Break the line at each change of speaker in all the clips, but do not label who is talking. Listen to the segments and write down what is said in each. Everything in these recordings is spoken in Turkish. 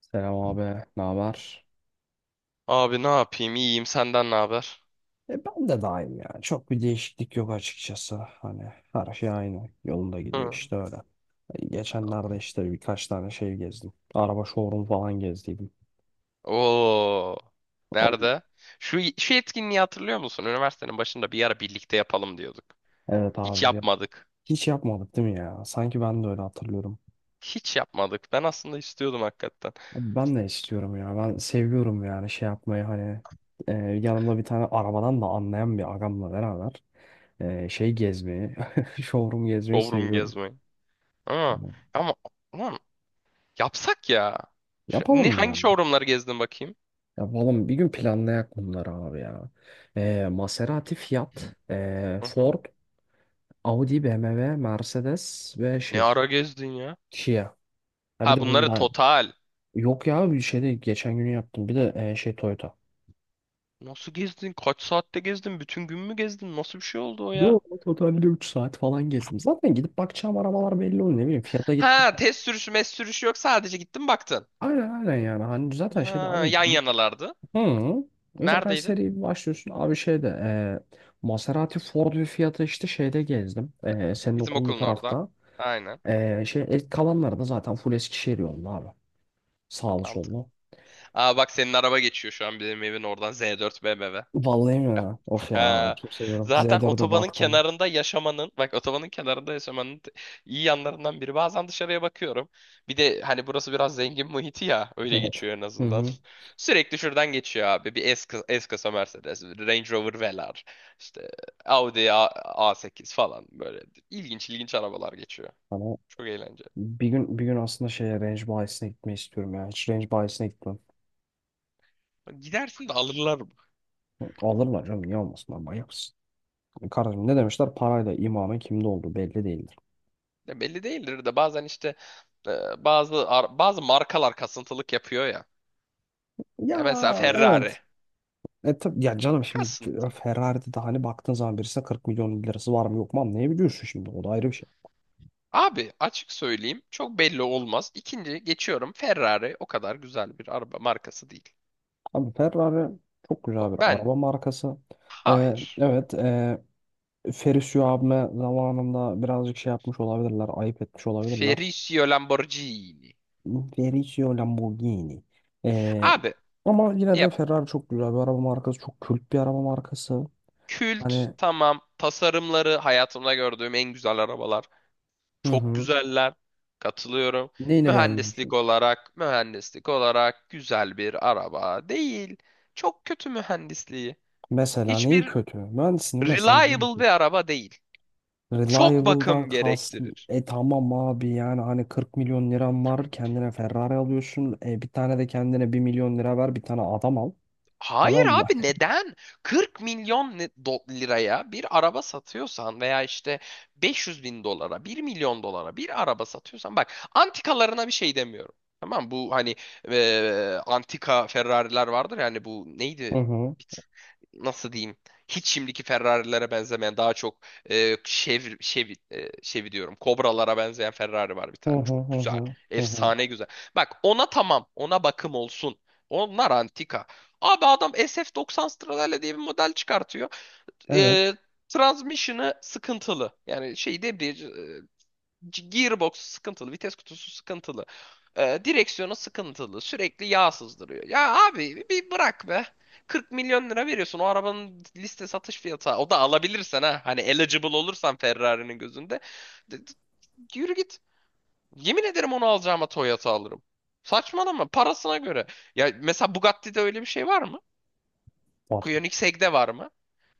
Selam abi, ne haber?
Abi ne yapayım? İyiyim. Senden ne haber?
Ben de daim ya. Çok bir değişiklik yok açıkçası. Hani her şey aynı. Yolunda gidiyor
Hı.
işte öyle. Geçenlerde işte birkaç tane şey gezdim. Araba showroom falan gezdiydim.
Oo.
O-
Nerede? Şu etkinliği hatırlıyor musun? Üniversitenin başında bir ara birlikte yapalım diyorduk.
Evet
Hiç
abi ya.
yapmadık.
Hiç yapmadık değil mi ya? Sanki ben de öyle hatırlıyorum.
Hiç yapmadık. Ben aslında istiyordum hakikaten.
Abi ben de istiyorum ya. Ben seviyorum yani şey yapmayı hani. Yanımda bir tane arabadan da anlayan bir agamla beraber şey gezmeyi, showroom gezmeyi
Showroom
seviyorum.
gezmeyi. Ha.
Hani,
Ama lan yapsak ya.
yapalım
Ne
mı ya?
hangi showroomları gezdin bakayım?
Ya oğlum bir gün planlayak bunları abi ya. Maserati, Fiat,
Hı hı.
Ford, Audi, BMW, Mercedes ve
Ne
şey
ara gezdin ya?
Kia. Ha bir de
Ha bunları
Honda.
total.
Yok ya bir şey de geçen günü yaptım. Bir de şey Toyota.
Nasıl gezdin? Kaç saatte gezdin? Bütün gün mü gezdin? Nasıl bir şey oldu o ya?
Yo, totalde 3 saat falan gezdim. Zaten gidip bakacağım arabalar belli oluyor, ne bileyim. Fiat'a gittim.
Ha test sürüşü, mes sürüşü yok. Sadece gittin baktın.
Aynen, aynen yani. Hani zaten şeyde
Ha,
abi
yan
gidip.
yanalardı.
Hı. Zaten
Neredeydi?
seri bir başlıyorsun. Abi şeyde Maserati, Ford ve Fiat'ı işte şeyde gezdim. Senin
Bizim
okulun bu
okulun orada.
tarafta.
Aynen.
Şey, el, kalanları da zaten full Eskişehir yolunda abi. Sağlı
Mantıklı.
sollu.
Aa bak senin araba geçiyor şu an bizim evin oradan Z4 BMW.
Vallahi mi ya? Of ya,
Ha,
çok seviyorum.
zaten
Z4'e
otobanın
baktım.
kenarında yaşamanın, bak otobanın kenarında yaşamanın iyi yanlarından biri. Bazen dışarıya bakıyorum. Bir de hani burası biraz zengin muhiti ya, öyle
Evet.
geçiyor en
Hı
azından.
hı.
Sürekli şuradan geçiyor abi. Bir S kasa Mercedes, Range Rover Velar, işte Audi A8 falan böyle ilginç ilginç arabalar geçiyor.
Hani
Çok eğlenceli.
bir gün aslında şeye range bayisine gitmeyi istiyorum ya. Hiç range bayisine gitmem.
Gidersin de alırlar mı?
Alırlar canım, niye olmasın, ben manyak mısın? Kardeşim, ne demişler? Parayla imamın kimde olduğu belli değildir.
Ya belli değildir de bazen işte bazı bazı markalar kasıntılık yapıyor ya.
Ya,
Ya mesela Ferrari.
evet. Tabii ya canım, şimdi
Kasıntı.
Ferrari'de de hani baktığın zaman birisine 40 milyon lirası var mı yok mu anlayabiliyorsun şimdi. O da ayrı bir şey.
Abi açık söyleyeyim çok belli olmaz. İkinci geçiyorum Ferrari o kadar güzel bir araba markası değil.
Abi Ferrari çok güzel bir
Ben
araba markası.
hayır.
Evet, Ferruccio abime zamanında birazcık şey yapmış olabilirler, ayıp etmiş olabilirler.
Ferruccio Lamborghini.
Ferruccio Lamborghini. Ee,
Abi
Ama yine
ya
de Ferrari çok güzel bir araba markası, çok kült bir araba markası.
kült
Hani.
tamam, tasarımları hayatımda gördüğüm en güzel arabalar.
Hı
Çok
hı.
güzeller. Katılıyorum.
Neyini
Mühendislik
beğenmiyorsun?
olarak, mühendislik olarak güzel bir araba değil. Çok kötü mühendisliği.
Mesela neyi
Hiçbir
kötü? Mühendisliğin mesela neyi
reliable
kötü?
bir araba değil. Çok
Reliable'dan
bakım
kast.
gerektirir.
Tamam abi, yani hani 40 milyon liran var, kendine Ferrari alıyorsun. Bir tane de kendine 1 milyon lira ver, bir tane adam al.
Hayır
Tamam mı?
abi neden? 40 milyon liraya bir araba satıyorsan veya işte 500 bin dolara, 1 milyon dolara bir araba satıyorsan bak, antikalarına bir şey demiyorum. Tamam, bu hani antika Ferrari'ler vardır, yani bu
Hı
neydi?
hı.
Hiç- Nasıl diyeyim? Hiç şimdiki Ferrari'lere benzemeyen, daha çok Chevy diyorum. Kobralara benzeyen Ferrari var bir
Hı
tane.
hı,
Çok
hı
güzel.
hı. Hı hı.
Efsane güzel. Bak ona tamam. Ona bakım olsun. Onlar antika. Abi adam SF90 Stradalia diye bir model çıkartıyor.
Evet,
Ee, transmission'ı sıkıntılı. Yani şey debriyaj, gearbox sıkıntılı, vites kutusu sıkıntılı. Direksiyonu sıkıntılı. Sürekli yağ sızdırıyor. Ya abi bir bırak be. 40 milyon lira veriyorsun o arabanın liste satış fiyatı. O da alabilirsen ha. Hani eligible olursan Ferrari'nin gözünde. D- d- Yürü git. Yemin ederim onu alacağıma Toyota alırım. Saçmalama parasına göre. Ya mesela Bugatti'de öyle bir şey var mı?
var,
Koenigsegg'de var mı?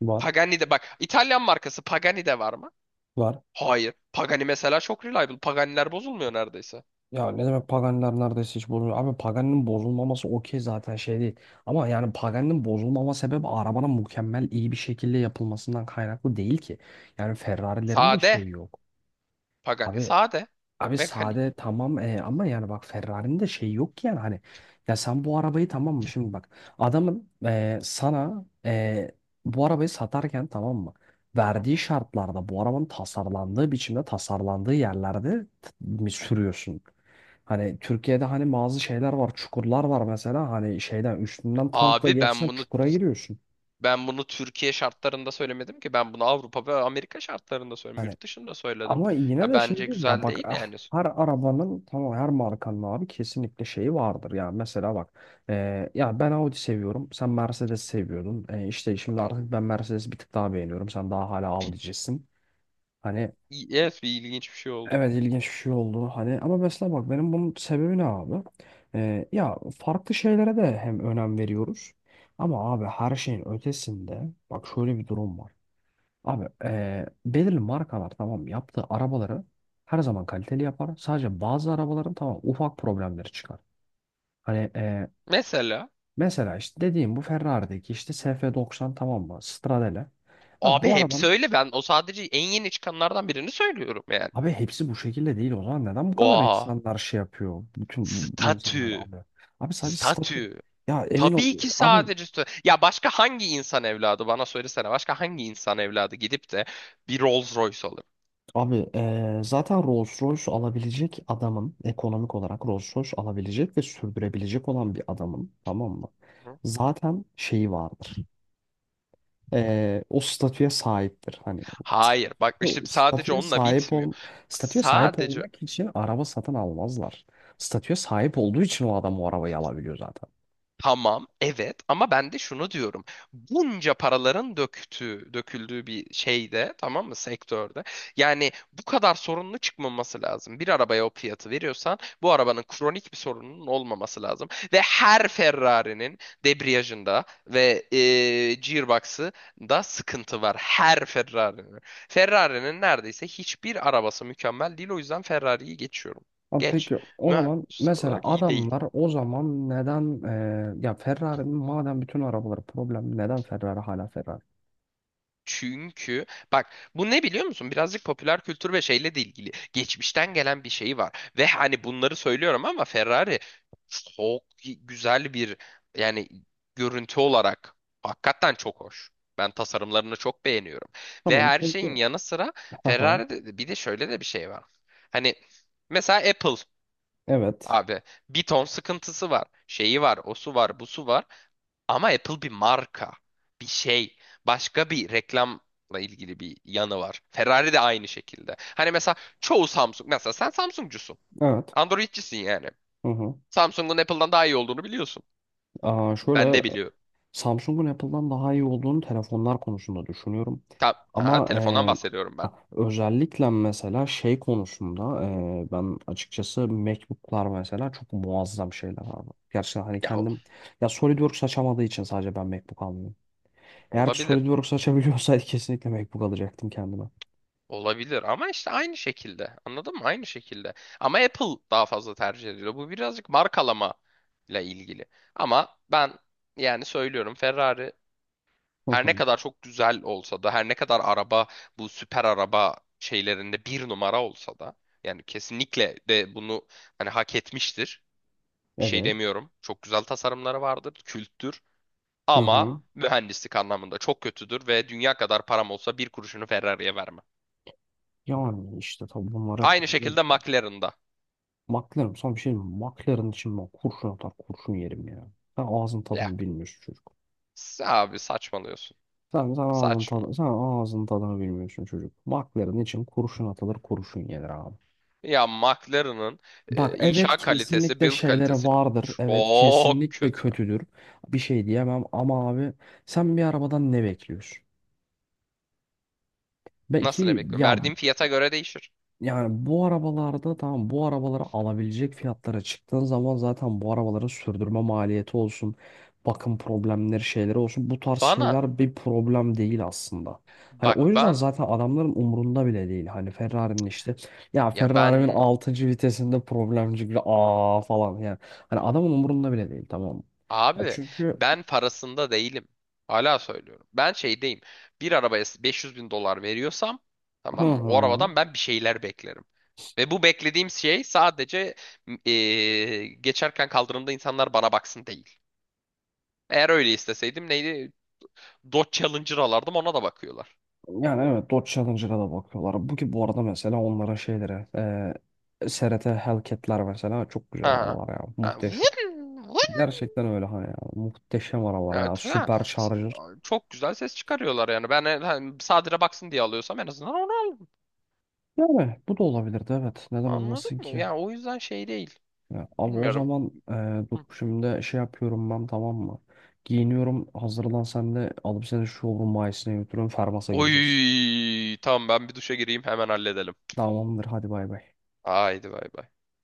var,
Pagani'de, bak İtalyan markası Pagani'de var mı?
var.
Hayır. Pagani mesela çok reliable. Pagani'ler bozulmuyor neredeyse.
Ya ne demek, Paganiler neredeyse hiç bozulmuyor. Abi Pagani'nin bozulmaması okey zaten şey değil. Ama yani Pagani'nin bozulmama sebebi arabanın mükemmel iyi bir şekilde yapılmasından kaynaklı değil ki. Yani Ferrari'lerin de
Sade.
şeyi yok.
Pagani
Abi
sade.
Abi,
Mekanik.
sade tamam, ama yani bak Ferrari'nin de şeyi yok ki, yani hani ya, sen bu arabayı, tamam mı, şimdi bak, adamın sana bu arabayı satarken, tamam mı,
Hı
verdiği
hı.
şartlarda, bu arabanın tasarlandığı biçimde, tasarlandığı yerlerde mi sürüyorsun? Hani Türkiye'de hani bazı şeyler var, çukurlar var mesela, hani şeyden üstünden tankla
Abi ben
geçsen
bunu
çukura giriyorsun.
ben bunu Türkiye şartlarında söylemedim ki. Ben bunu Avrupa ve Amerika şartlarında söyledim.
Hani,
Yurt dışında söyledim.
ama yine
Ya
de şey
bence
değil ya
güzel
bak,
değil
ah,
yani.
her arabanın tamam, her markanın abi kesinlikle şeyi vardır. Yani mesela bak, ya ben Audi seviyorum, sen Mercedes seviyordun. İşte şimdi
Ar-
artık ben Mercedes bir tık daha beğeniyorum, sen daha hala Audi'cisin. Hani,
Yes, bir ilginç bir şey oldu.
evet, ilginç bir şey oldu hani, ama mesela bak, benim bunun sebebi ne abi? Ya farklı şeylere de hem önem veriyoruz. Ama abi her şeyin ötesinde, bak şöyle bir durum var. Abi belirli markalar tamam, yaptığı arabaları her zaman kaliteli yapar. Sadece bazı arabaların tamam ufak problemleri çıkar. Hani
Mesela
mesela işte dediğim bu Ferrari'deki işte SF90, tamam mı? Stradale. Abi
abi
bu
hepsi
arabanın,
öyle. Ben o sadece en yeni çıkanlardan birini söylüyorum yani.
abi hepsi bu şekilde değil o zaman, neden bu kadar
Oha.
insanlar şey yapıyor? Bütün bu insanlar
Statü.
alıyor. Abi sadece statü.
Statü.
Ya emin ol
Tabii ki
abi.
sadece ya başka hangi insan evladı bana söylesene, başka hangi insan evladı gidip de bir Rolls Royce alır?
Abi zaten Rolls Royce alabilecek adamın, ekonomik olarak Rolls Royce alabilecek ve sürdürebilecek olan bir adamın, tamam mı?
Hı?
Zaten şeyi vardır. O statüye sahiptir. Hani
Hayır, bak
o
işte sadece
statüye
onunla
sahip
bitmiyor.
ol statüye sahip
Sadece
olmak için araba satın almazlar. Statüye sahip olduğu için o adam o arabayı alabiliyor zaten.
Tamam, evet, ama ben de şunu diyorum. Bunca paraların döktüğü, döküldüğü bir şeyde, tamam mı, sektörde. Yani bu kadar sorunlu çıkmaması lazım. Bir arabaya o fiyatı veriyorsan bu arabanın kronik bir sorununun olmaması lazım. Ve her Ferrari'nin debriyajında ve gearbox'ı da sıkıntı var. Her Ferrari'nin. Ferrari'nin neredeyse hiçbir arabası mükemmel değil. O yüzden Ferrari'yi geçiyorum.
Abi
Geç.
peki o zaman
Mühendislik
mesela
olarak iyi değil.
adamlar o zaman neden ya Ferrari'nin madem bütün arabaları problem, neden Ferrari hala Ferrari?
Çünkü bak, bu ne biliyor musun? Birazcık popüler kültür ve şeyle de ilgili. Geçmişten gelen bir şey var. Ve hani bunları söylüyorum ama Ferrari çok güzel bir, yani görüntü olarak hakikaten çok hoş. Ben tasarımlarını çok beğeniyorum. Ve
Tamam
her
peki.
şeyin yanı sıra
Haha.
Ferrari'de bir de şöyle de bir şey var. Hani mesela Apple
Evet.
abi, bir ton sıkıntısı var. Şeyi var, o su var, bu su var. Ama Apple bir marka, bir şey, başka bir reklamla ilgili bir yanı var. Ferrari de aynı şekilde. Hani mesela çoğu Samsung, mesela sen Samsungcusun.
Evet.
Androidcisin yani.
Hı hı.
Samsung'un Apple'dan daha iyi olduğunu biliyorsun.
Aa,
Ben de
şöyle,
biliyorum.
Samsung'un Apple'dan daha iyi olduğunu telefonlar konusunda düşünüyorum.
Tam, aha,
Ama
telefondan bahsediyorum ben.
ha, özellikle mesela şey konusunda ben açıkçası MacBook'lar mesela çok muazzam şeyler abi. Gerçekten hani
Ya
kendim, ya SolidWorks açamadığı için sadece ben MacBook almıyorum. Eğer ki
olabilir.
SolidWorks açabiliyorsaydı kesinlikle MacBook alacaktım kendime.
Olabilir ama işte aynı şekilde. Anladın mı? Aynı şekilde. Ama Apple daha fazla tercih ediliyor. Bu birazcık markalama ile ilgili. Ama ben yani söylüyorum, Ferrari
Hı
her ne
hı.
kadar çok güzel olsa da, her ne kadar araba bu süper araba şeylerinde bir numara olsa da, yani kesinlikle de bunu hani hak etmiştir. Bir şey
Evet.
demiyorum. Çok güzel tasarımları vardır, külttür
Hı
ama
hı.
mühendislik anlamında çok kötüdür ve dünya kadar param olsa bir kuruşunu Ferrari'ye vermem.
Yani işte tabii bunlar hep.
Aynı şekilde McLaren'da.
McLaren, sana bir şey diyeyim mi? McLaren için ben kurşun atar kurşun yerim ya. Sen ağzın
Ya
tadını bilmiyorsun çocuk.
abi saçmalıyorsun.
Sen, sen ağzın
Saçma.
tadını, sen ağzın tadını bilmiyorsun çocuk. McLaren için kurşun atılır kurşun yenir abi.
Ya McLaren'ın
Bak
inşa
evet,
kalitesi,
kesinlikle
build
şeylere
kalitesi
vardır. Evet
çok
kesinlikle
kötü.
kötüdür. Bir şey diyemem, ama abi sen bir arabadan ne bekliyorsun?
Nasıl ne
Belki
bekliyorum?
ya.
Verdiğim fiyata göre değişir.
Yani bu arabalarda tamam, bu arabaları alabilecek fiyatlara çıktığın zaman zaten bu arabaların sürdürme maliyeti olsun, bakım problemleri şeyleri olsun, bu tarz
Bana
şeyler bir problem değil aslında. Hani
bak,
o yüzden zaten adamların umurunda bile değil. Hani Ferrari'nin işte, ya
ya
Ferrari'nin
ben
altıncı vitesinde problem çıktı, aa, falan yani. Hani adamın umurunda bile değil, tamam mı? Ya
abi
çünkü.
ben parasında değilim. Hala söylüyorum. Ben şeydeyim. Bir arabaya 500 bin dolar veriyorsam,
Hı
tamam mı? O
hı.
arabadan ben bir şeyler beklerim. Ve bu beklediğim şey sadece geçerken kaldırımda insanlar bana baksın değil. Eğer öyle isteseydim neydi? Dodge Challenger alardım, ona da bakıyorlar.
Yani evet, Dodge Challenger'a da bakıyorlar. Bu arada mesela onların şeyleri, SRT Hellcat'ler mesela çok güzel
Ha.
arabalar ya.
Ha.
Muhteşem.
Vın, vın.
Gerçekten öyle hani ya. Muhteşem arabalar ya.
Evet, ha.
Süper
S-
Charger.
Çok güzel ses çıkarıyorlar yani. Ben hani sadire baksın diye alıyorsam en azından onu al.
Yani bu da olabilirdi evet. Neden
Anladın
olmasın
mı?
ki?
Yani o yüzden şey değil.
Ya, abi o
Bilmiyorum.
zaman, dur
Hı.
şimdi şey yapıyorum ben, tamam mı? Giyiniyorum, hazırlan, sen de alıp seni şu showroom bayisine götürüyorum. Fermas'a gideceğiz.
Oy, tamam, ben bir duşa gireyim hemen halledelim.
Tamamdır, hadi bay bay.
Haydi bay bay.